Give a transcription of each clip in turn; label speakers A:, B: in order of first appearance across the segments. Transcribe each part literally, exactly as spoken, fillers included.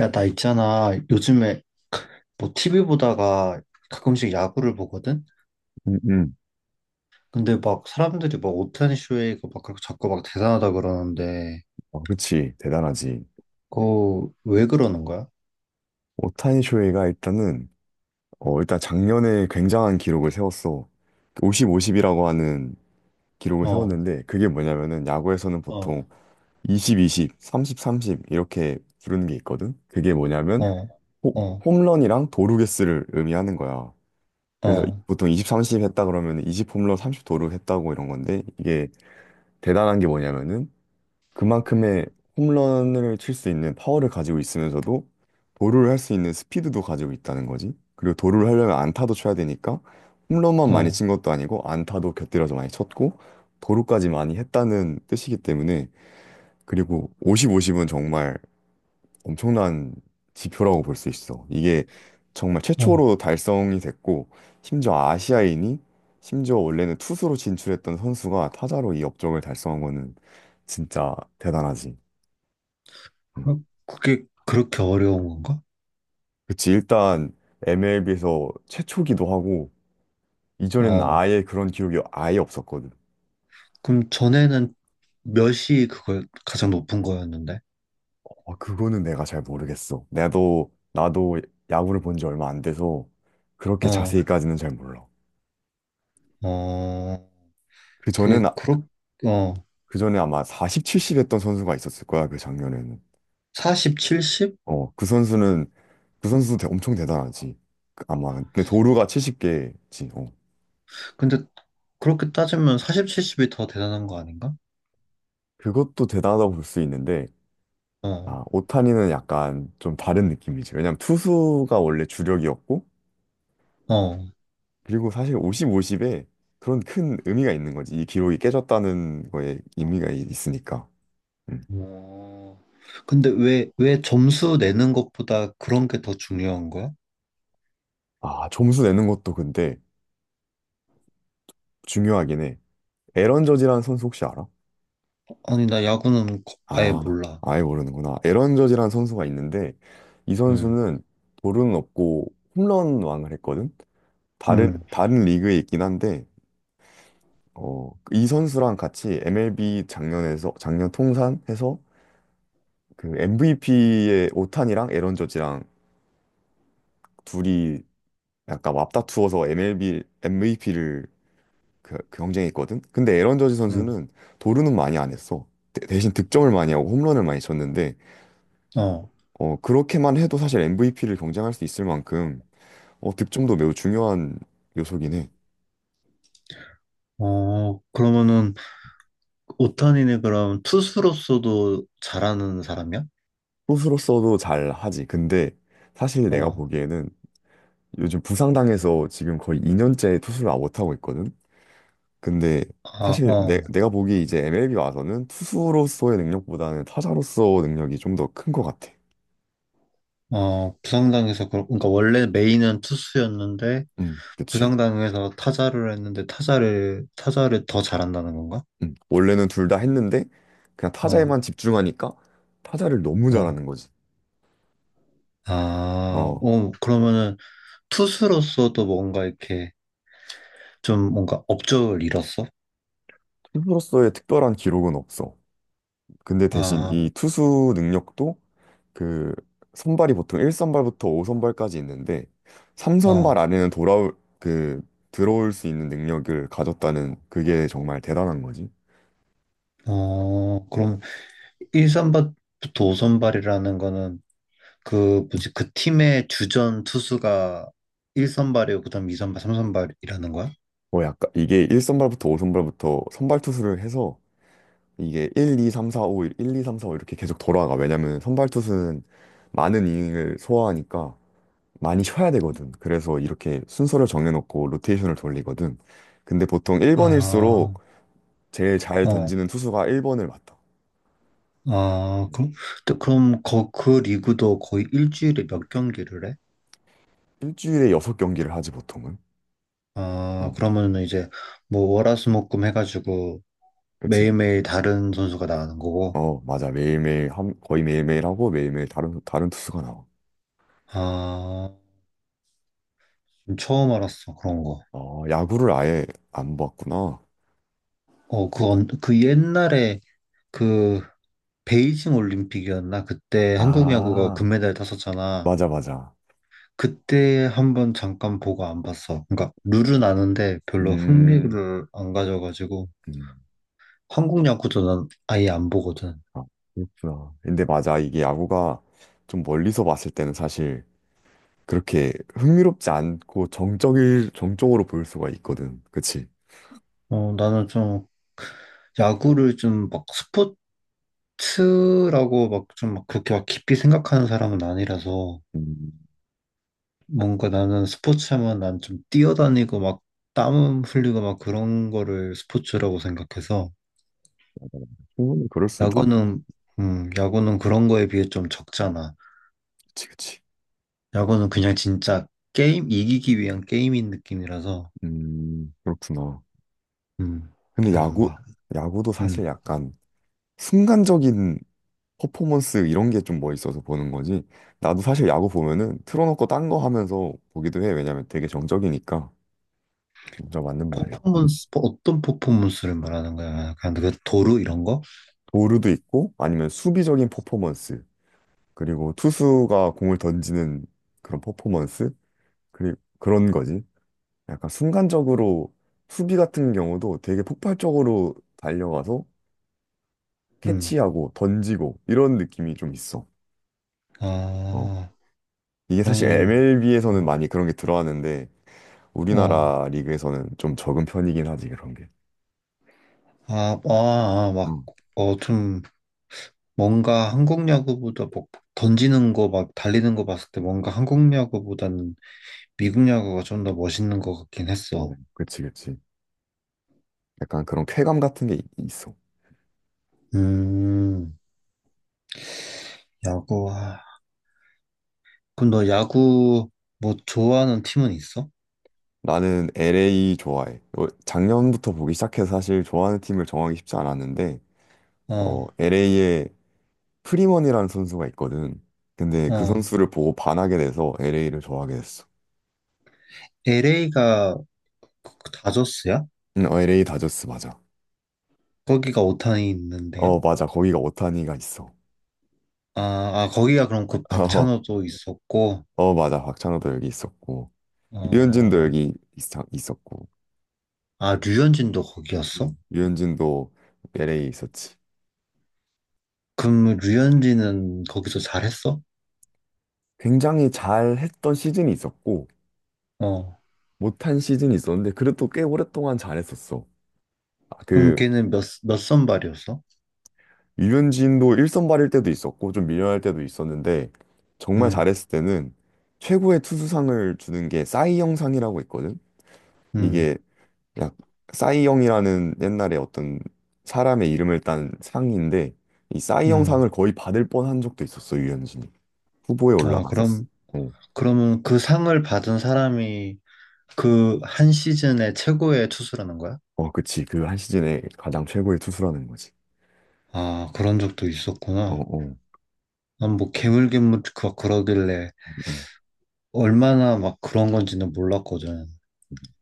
A: 야, 나 있잖아. 요즘에 뭐 티비 보다가 가끔씩 야구를 보거든?
B: 음, 음.
A: 근데 막 사람들이 막 오타니 쇼헤이가 막 그렇게 자꾸 막 대단하다 그러는데,
B: 아, 그치. 대단하지.
A: 그거 왜 그러는 거야?
B: 오타니 쇼헤이가 일단은, 어, 일단 작년에 굉장한 기록을 세웠어. 오십, 오십이라고 하는 기록을
A: 어,
B: 세웠는데, 그게 뭐냐면은, 야구에서는
A: 어,
B: 보통 이십, 이십, 삼십, 삼십 이렇게 부르는 게 있거든? 그게 뭐냐면,
A: 어,
B: 호-
A: 어,
B: 홈런이랑 도루 개수를 의미하는 거야. 그래서
A: 어,
B: 보통 이십, 삼십 했다 그러면 이십 홈런, 삼십 도루 했다고 이런 건데, 이게 대단한 게 뭐냐면은, 그만큼의 홈런을 칠 수 있는 파워를 가지고 있으면서도 도루를 할 수 있는 스피드도 가지고 있다는 거지. 그리고 도루를 하려면 안타도 쳐야 되니까 홈런만 많이
A: 어,
B: 친 것도 아니고 안타도 곁들여서 많이 쳤고 도루까지 많이 했다는 뜻이기 때문에, 그리고 오십, 오십은 정말 엄청난 지표라고 볼 수 있어. 이게 정말
A: 어.
B: 최초로 달성이 됐고, 심지어 아시아인이, 심지어 원래는 투수로 진출했던 선수가 타자로 이 업적을 달성한 거는 진짜 대단하지. 음.
A: 그- 그게 그렇게 어려운 건가?
B: 그치, 일단 엠엘비에서 최초기도 하고, 이전에는
A: 어.
B: 아예 그런 기록이 아예 없었거든.
A: 그럼 전에는 몇이 그걸 가장 높은 거였는데?
B: 아, 그거는 내가 잘 모르겠어. 나도, 나도 야구를 본 지 얼마 안 돼서 그렇게
A: 어,
B: 자세히까지는 잘 몰라.
A: 어,
B: 그 전엔,
A: 그,
B: 아-
A: 그렇, 어,
B: 그 전에 아마 사십, 칠십 했던 선수가 있었을 거야, 그 작년에는.
A: 사십, 칠십?
B: 어, 그 선수는, 그 선수도 대- 엄청 대단하지. 그 아마. 근데 도루가 칠십 개지. 어.
A: 근데 그렇게 따지면 사십, 칠십이 더 대단한 거 아닌가?
B: 그것도 대단하다고 볼 수 있는데,
A: 어,
B: 아, 오타니는 약간 좀 다른 느낌이지. 왜냐면 투수가 원래 주력이었고,
A: 어.
B: 그리고 사실 오십, 오십에 그런 큰 의미가 있는 거지. 이 기록이 깨졌다는 거에 의미가 이- 있으니까. 음.
A: 어, 근데 왜, 왜 점수 내는 것보다 그런 게 더 중요한 거야?
B: 아, 점수 내는 것도 근데 중요하긴 해. 에런 저지라는 선수 혹시 알아?
A: 아니, 나 야구는 거- 아예
B: 아,
A: 몰라.
B: 아예 모르는구나. 에런 저지라는 선수가 있는데, 이
A: 응
B: 선수는 볼은 없고 홈런 왕을 했거든? 다른,
A: 응,
B: 다른 리그에 있긴 한데, 어, 이 선수랑 같이 엠엘비 작년에서, 작년 통산해서 그 엠브이피의 오탄이랑 에런 저지랑 둘이 약간 맞다투어서 엠엘비 엠브이피를 그, 그 경쟁했거든. 근데 에런 저지
A: 응,
B: 선수는 도루는 많이 안 했어. 대- 대신 득점을 많이 하고 홈런을 많이 쳤는데,
A: 어.
B: 어 그렇게만 해도 사실 엠브이피를 경쟁할 수 있을 만큼 어 득점도 매우 중요한 요소긴 해.
A: 어, 그러면은, 오타니는 그럼 투수로서도 잘하는 사람이야?
B: 투수로서도 잘 하지. 근데 사실 내가
A: 어,
B: 보기에는 요즘 부상당해서 지금 거의 이 년째 투수를 아, 못 하고 있거든. 근데
A: 아,
B: 사실 내,
A: 어,
B: 내가 보기 이제 엠엘비 와서는 투수로서의 능력보다는 타자로서 능력이 좀 더 큰 것 같아.
A: 어, 부상당해서, 그러, 그러니까 원래 메인은 투수였는데,
B: 응, 그치.
A: 부상당해서 타자를 했는데, 타자를, 타자를 더 잘한다는 건가?
B: 응, 원래는 둘 다 했는데 그냥
A: 어,
B: 타자에만 집중하니까 타자를 너무
A: 어.
B: 잘하는 거지.
A: 아,
B: 어,
A: 어, 그러면은 투수로서도 뭔가 이렇게 좀 뭔가 업적을 이뤘어?
B: 투수로서의 특별한 기록은 없어. 근데 대신
A: 아,
B: 이 투수 능력도, 그 선발이 보통 일 선발부터 오 선발까지 있는데
A: 어,
B: 삼 선발 안에는 돌아올 그 들어올 수 있는 능력을 가졌다는, 그게 정말 대단한 거지.
A: 어, 그럼 일 선발부터 오 선발이라는 거는 그 뭐지 그 팀의 주전 투수가 일 선발이고 그다음 이 선발, 삼 선발이라는 거야?
B: 뭐 약간 이게 일 선발부터 오 선발부터 선발 투수를 해서 이게 일, 이, 삼, 사, 오, 일, 이, 삼, 사, 오 이렇게 계속 돌아가. 왜냐면 선발 투수는 많은 이닝을 소화하니까 많이 쉬어야 되거든. 그래서 이렇게 순서를 정해놓고 로테이션을 돌리거든. 근데 보통
A: 아,
B: 일 번일수록 제일 잘
A: 어,
B: 던지는 투수가 일 번을 맡아.
A: 아,
B: 음.
A: 그럼 또 그럼 거, 그 리그도 거의 일주일에 몇 경기를 해?
B: 일주일에 여섯 경기를 하지 보통은.
A: 아,
B: 어,
A: 그러면은 이제 뭐 월화수목금 해가지고
B: 그치.
A: 매일매일 다른 선수가 나가는 거고.
B: 어, 맞아. 매일매일 함- 거의 매일매일 하고 매일매일 다른 다른 투수가 나와.
A: 아, 지금 처음 알았어. 그런 거.
B: 어, 야구를 아예 안 봤구나.
A: 어, 그, 언- 그 옛날에 그 베이징 올림픽이었나? 그때 한국 야구가
B: 아.
A: 금메달 땄었잖아.
B: 맞아, 맞아.
A: 그때 한번 잠깐 보고 안 봤어. 그러니까 룰은 아는데 별로
B: 음,
A: 흥미를 안 가져가지고
B: 음.
A: 한국 야구도 난 아예 안 보거든.
B: 아, 그렇구나. 근데 맞아. 이게 야구가 좀 멀리서 봤을 때는 사실 그렇게 흥미롭지 않고 정적일, 정적으로 보일 수가 있거든. 그치?
A: 어, 나는 좀 야구를 좀 막 스포츠라고 막 좀 막 그렇게 막 깊이 생각하는 사람은 아니라서
B: 음,
A: 뭔가 나는 스포츠 하면 난 좀 뛰어다니고 막 땀 흘리고 막 그런 거를 스포츠라고 생각해서
B: 충분히 그럴 수, 나,
A: 야구는 음, 야구는 그런 거에 비해 좀 적잖아.
B: 그치, 그치.
A: 야구는 그냥 진짜 게임 이기기 위한 게임인 느낌이라서
B: 음, 그렇구나.
A: 음,
B: 근데
A: 잘 안
B: 야구,
A: 봐.
B: 야구도 사실
A: 음.
B: 약간 순간적인 퍼포먼스 이런 게 좀 멋있어서 보는 거지. 나도 사실 야구 보면은 틀어놓고 딴 거 하면서 보기도 해. 왜냐면 되게 정적이니까. 진짜 맞는 말이야. 음.
A: 퍼포먼스 뭐 어떤 퍼포먼스를 말하는 거야? 약간 그 도루 이런 거?
B: 도루도 있고 아니면 수비적인 퍼포먼스, 그리고 투수가 공을 던지는 그런 퍼포먼스 그리 그런 거지. 약간 순간적으로 수비 같은 경우도 되게 폭발적으로 달려가서
A: 음.
B: 캐치하고 던지고 이런 느낌이 좀 있어. 어.
A: 아,
B: 이게 사실
A: 그러면
B: 엠엘비에서는
A: 어.
B: 많이 그런 게 들어왔는데
A: 어,
B: 우리나라 리그에서는 좀 적은 편이긴 하지 그런 게.
A: 아, 아, 아, 막,
B: 음.
A: 어, 좀, 뭔가 한국 야구보다 뭐 던지는 거 막 달리는 거 봤을 때 뭔가 한국 야구보다는 미국 야구가 좀 더 멋있는 것 같긴 했어.
B: 어, 그치, 그치. 약간 그런 쾌감 같은 게 있- 있어.
A: 음, 야구. 아, 그럼 너 야구 뭐 좋아하는 팀은 있어?
B: 나는 엘에이 좋아해. 어, 작년부터 보기 시작해서 사실 좋아하는 팀을 정하기 쉽지 않았는데,
A: 어,
B: 엘에이에 프리먼이라는 선수가 있거든. 근데 그
A: 어.
B: 선수를 보고 반하게 돼서 엘에이를 좋아하게 됐어.
A: 엘에이가 다저스야?
B: 응, 어, 엘에이 다저스 맞아.
A: 거기가 오타니
B: 어,
A: 있는데요?
B: 맞아. 거기가 오타니가 있어.
A: 아, 아, 거기가 그럼 그 박찬호도 있었고,
B: 어, 맞아. 박찬호도 여기 있었고, 유현진도
A: 어,
B: 여기 있- 있었고,
A: 아, 류현진도 거기였어?
B: 음. 유현진도 엘에이 있었지.
A: 그럼 류현진은 거기서 잘했어?
B: 굉장히 잘했던 시즌이 있었고,
A: 어.
B: 못한 시즌이 있었는데, 그래도 꽤 오랫동안 잘했었어. 아,
A: 그럼
B: 그
A: 걔는 몇, 몇 선발이었어?
B: 유현진도 일선발일 때도 있었고 좀 밀려날 때도 있었는데, 정말
A: 음,
B: 잘했을 때는 최고의 투수상을 주는 게 싸이영상이라고 있거든.
A: 음,
B: 이게 약 싸이영이라는 옛날에 어떤 사람의 이름을 딴 상인데, 이
A: 음.
B: 싸이영상을 거의 받을 뻔한 적도 있었어, 유현진이. 후보에
A: 아,
B: 올라갔었어.
A: 그럼,
B: 어,
A: 그러면 그 상을 받은 사람이 그 한 시즌의 최고의 투수라는 거야?
B: 어, 그치. 그 한 시즌에 가장 최고의 투수라는 거지.
A: 아, 그런 적도
B: 어,
A: 있었구나.
B: 어. 음.
A: 난 뭐 개물개물 그- 그러길래
B: 음.
A: 얼마나 막 그런 건지는 몰랐거든.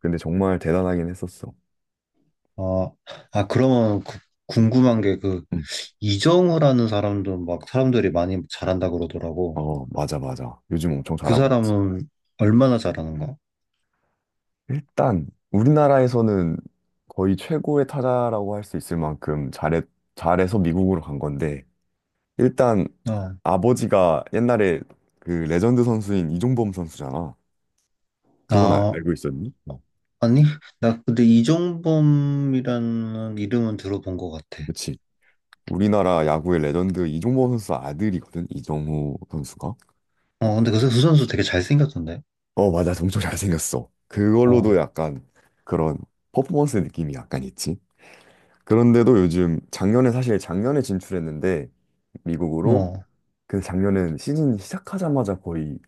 B: 근데 정말 대단하긴 했었어.
A: 아, 아, 그러면 그- 궁금한 게 그
B: 응.
A: 이정우라는 사람도 막 사람들이 많이 잘한다 그러더라고.
B: 어, 맞아, 맞아. 요즘 엄청
A: 그
B: 잘하고 있지.
A: 사람은 얼마나 잘하는 거야?
B: 일단 우리나라에서는 거의 최고의 타자라고 할 수 있을 만큼 잘해, 잘해서 미국으로 간 건데, 일단
A: 아,
B: 아버지가 옛날에 그 레전드 선수인 이종범 선수잖아. 그건 알,
A: 아,
B: 고 있었니? 어.
A: 아니, 나 근데 이종범이라는 이름은 들어본 것 같아.
B: 그치. 우리나라 야구의 레전드 이종범 선수 아들이거든. 이정후 선수가.
A: 어, 근데 그, 선- 그 선수 되게 잘생겼던데.
B: 어, 맞아. 엄청 잘생겼어. 그걸로도
A: 어,
B: 약간 그런 퍼포먼스 느낌이 약간 있지. 그런데도 요즘 작년에, 사실 작년에 진출했는데 미국으로,
A: 어,
B: 그데 작년엔 시즌 시작하자마자 거의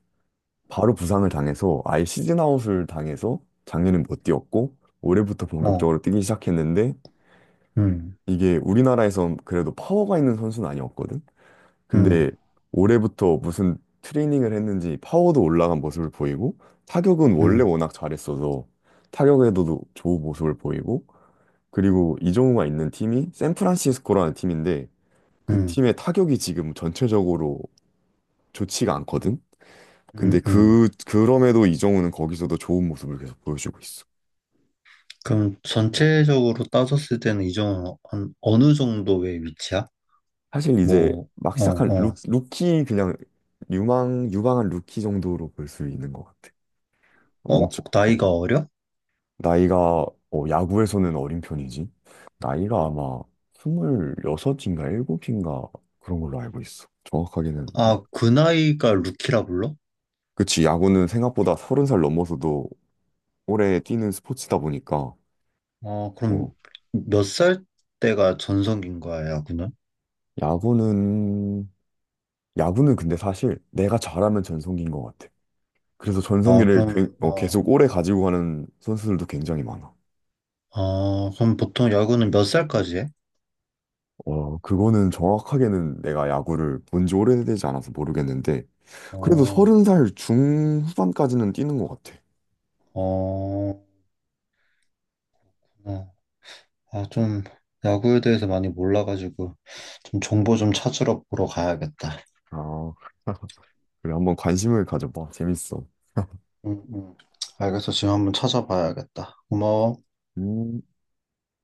B: 바로 부상을 당해서 아예 시즌 아웃을 당해서 작년엔 못 뛰었고 올해부터
A: 어,
B: 본격적으로 뛰기 시작했는데,
A: 음,
B: 이게 우리나라에선 그래도 파워가 있는 선수는 아니었거든.
A: 음,
B: 근데 올해부터 무슨 트레이닝을 했는지 파워도 올라간 모습을 보이고, 타격은 원래
A: 음,
B: 워낙 잘했어서 타격에도 좋은 모습을 보이고, 그리고 이정우가 있는 팀이 샌프란시스코라는 팀인데 그
A: 음,
B: 팀의 타격이 지금 전체적으로 좋지가 않거든. 근데
A: 음, 음.
B: 그 그럼에도 이정우는 거기서도 좋은 모습을 계속 보여주고 있어.
A: 그럼 전체적으로 따졌을 때는 이종은 한 어느 정도의 위치야?
B: 사실 이제
A: 뭐,
B: 막
A: 어,
B: 시작한 루,
A: 어,
B: 루키 그냥 유망 유망한 루키 정도로 볼 수 있는 것 같아.
A: 어,
B: 엄청 어,
A: 나이가 어려?
B: 나이가 어, 야구에서는 어린 편이지. 나이가 아마 스물여섯인가 일곱인가 그런 걸로 알고 있어. 정확하게는 음.
A: 아, 그 나이가 루키라 불러?
B: 그치, 야구는 생각보다 서른 살 넘어서도 오래 뛰는 스포츠다 보니까.
A: 어, 그럼
B: 어,
A: 몇 살 때가 전성기인 거야, 야구는?
B: 야구는, 야구는 근데 사실 내가 잘하면 전성기인 것 같아. 그래서
A: 아,
B: 전성기를 괴-
A: 그럼,
B: 어,
A: 어,
B: 계속 오래 가지고 가는 선수들도 굉장히 많아.
A: 아, 그럼 보통 야구는 몇 살까지 해?
B: 어, 그거는 정확하게는 내가 야구를 본지 오래되지 않아서 모르겠는데, 그래도
A: 어,
B: 서른 살 중후반까지는 뛰는 것 같아.
A: 어, 어. 아, 좀 야구에 대해서 많이 몰라가지고 좀 정보 좀 찾으러 보러 가야겠다.
B: 아, 그래, 한번 관심을 가져봐. 재밌어.
A: 응, 응. 알겠어. 지금 한번 찾아봐야겠다. 고마워.
B: 음,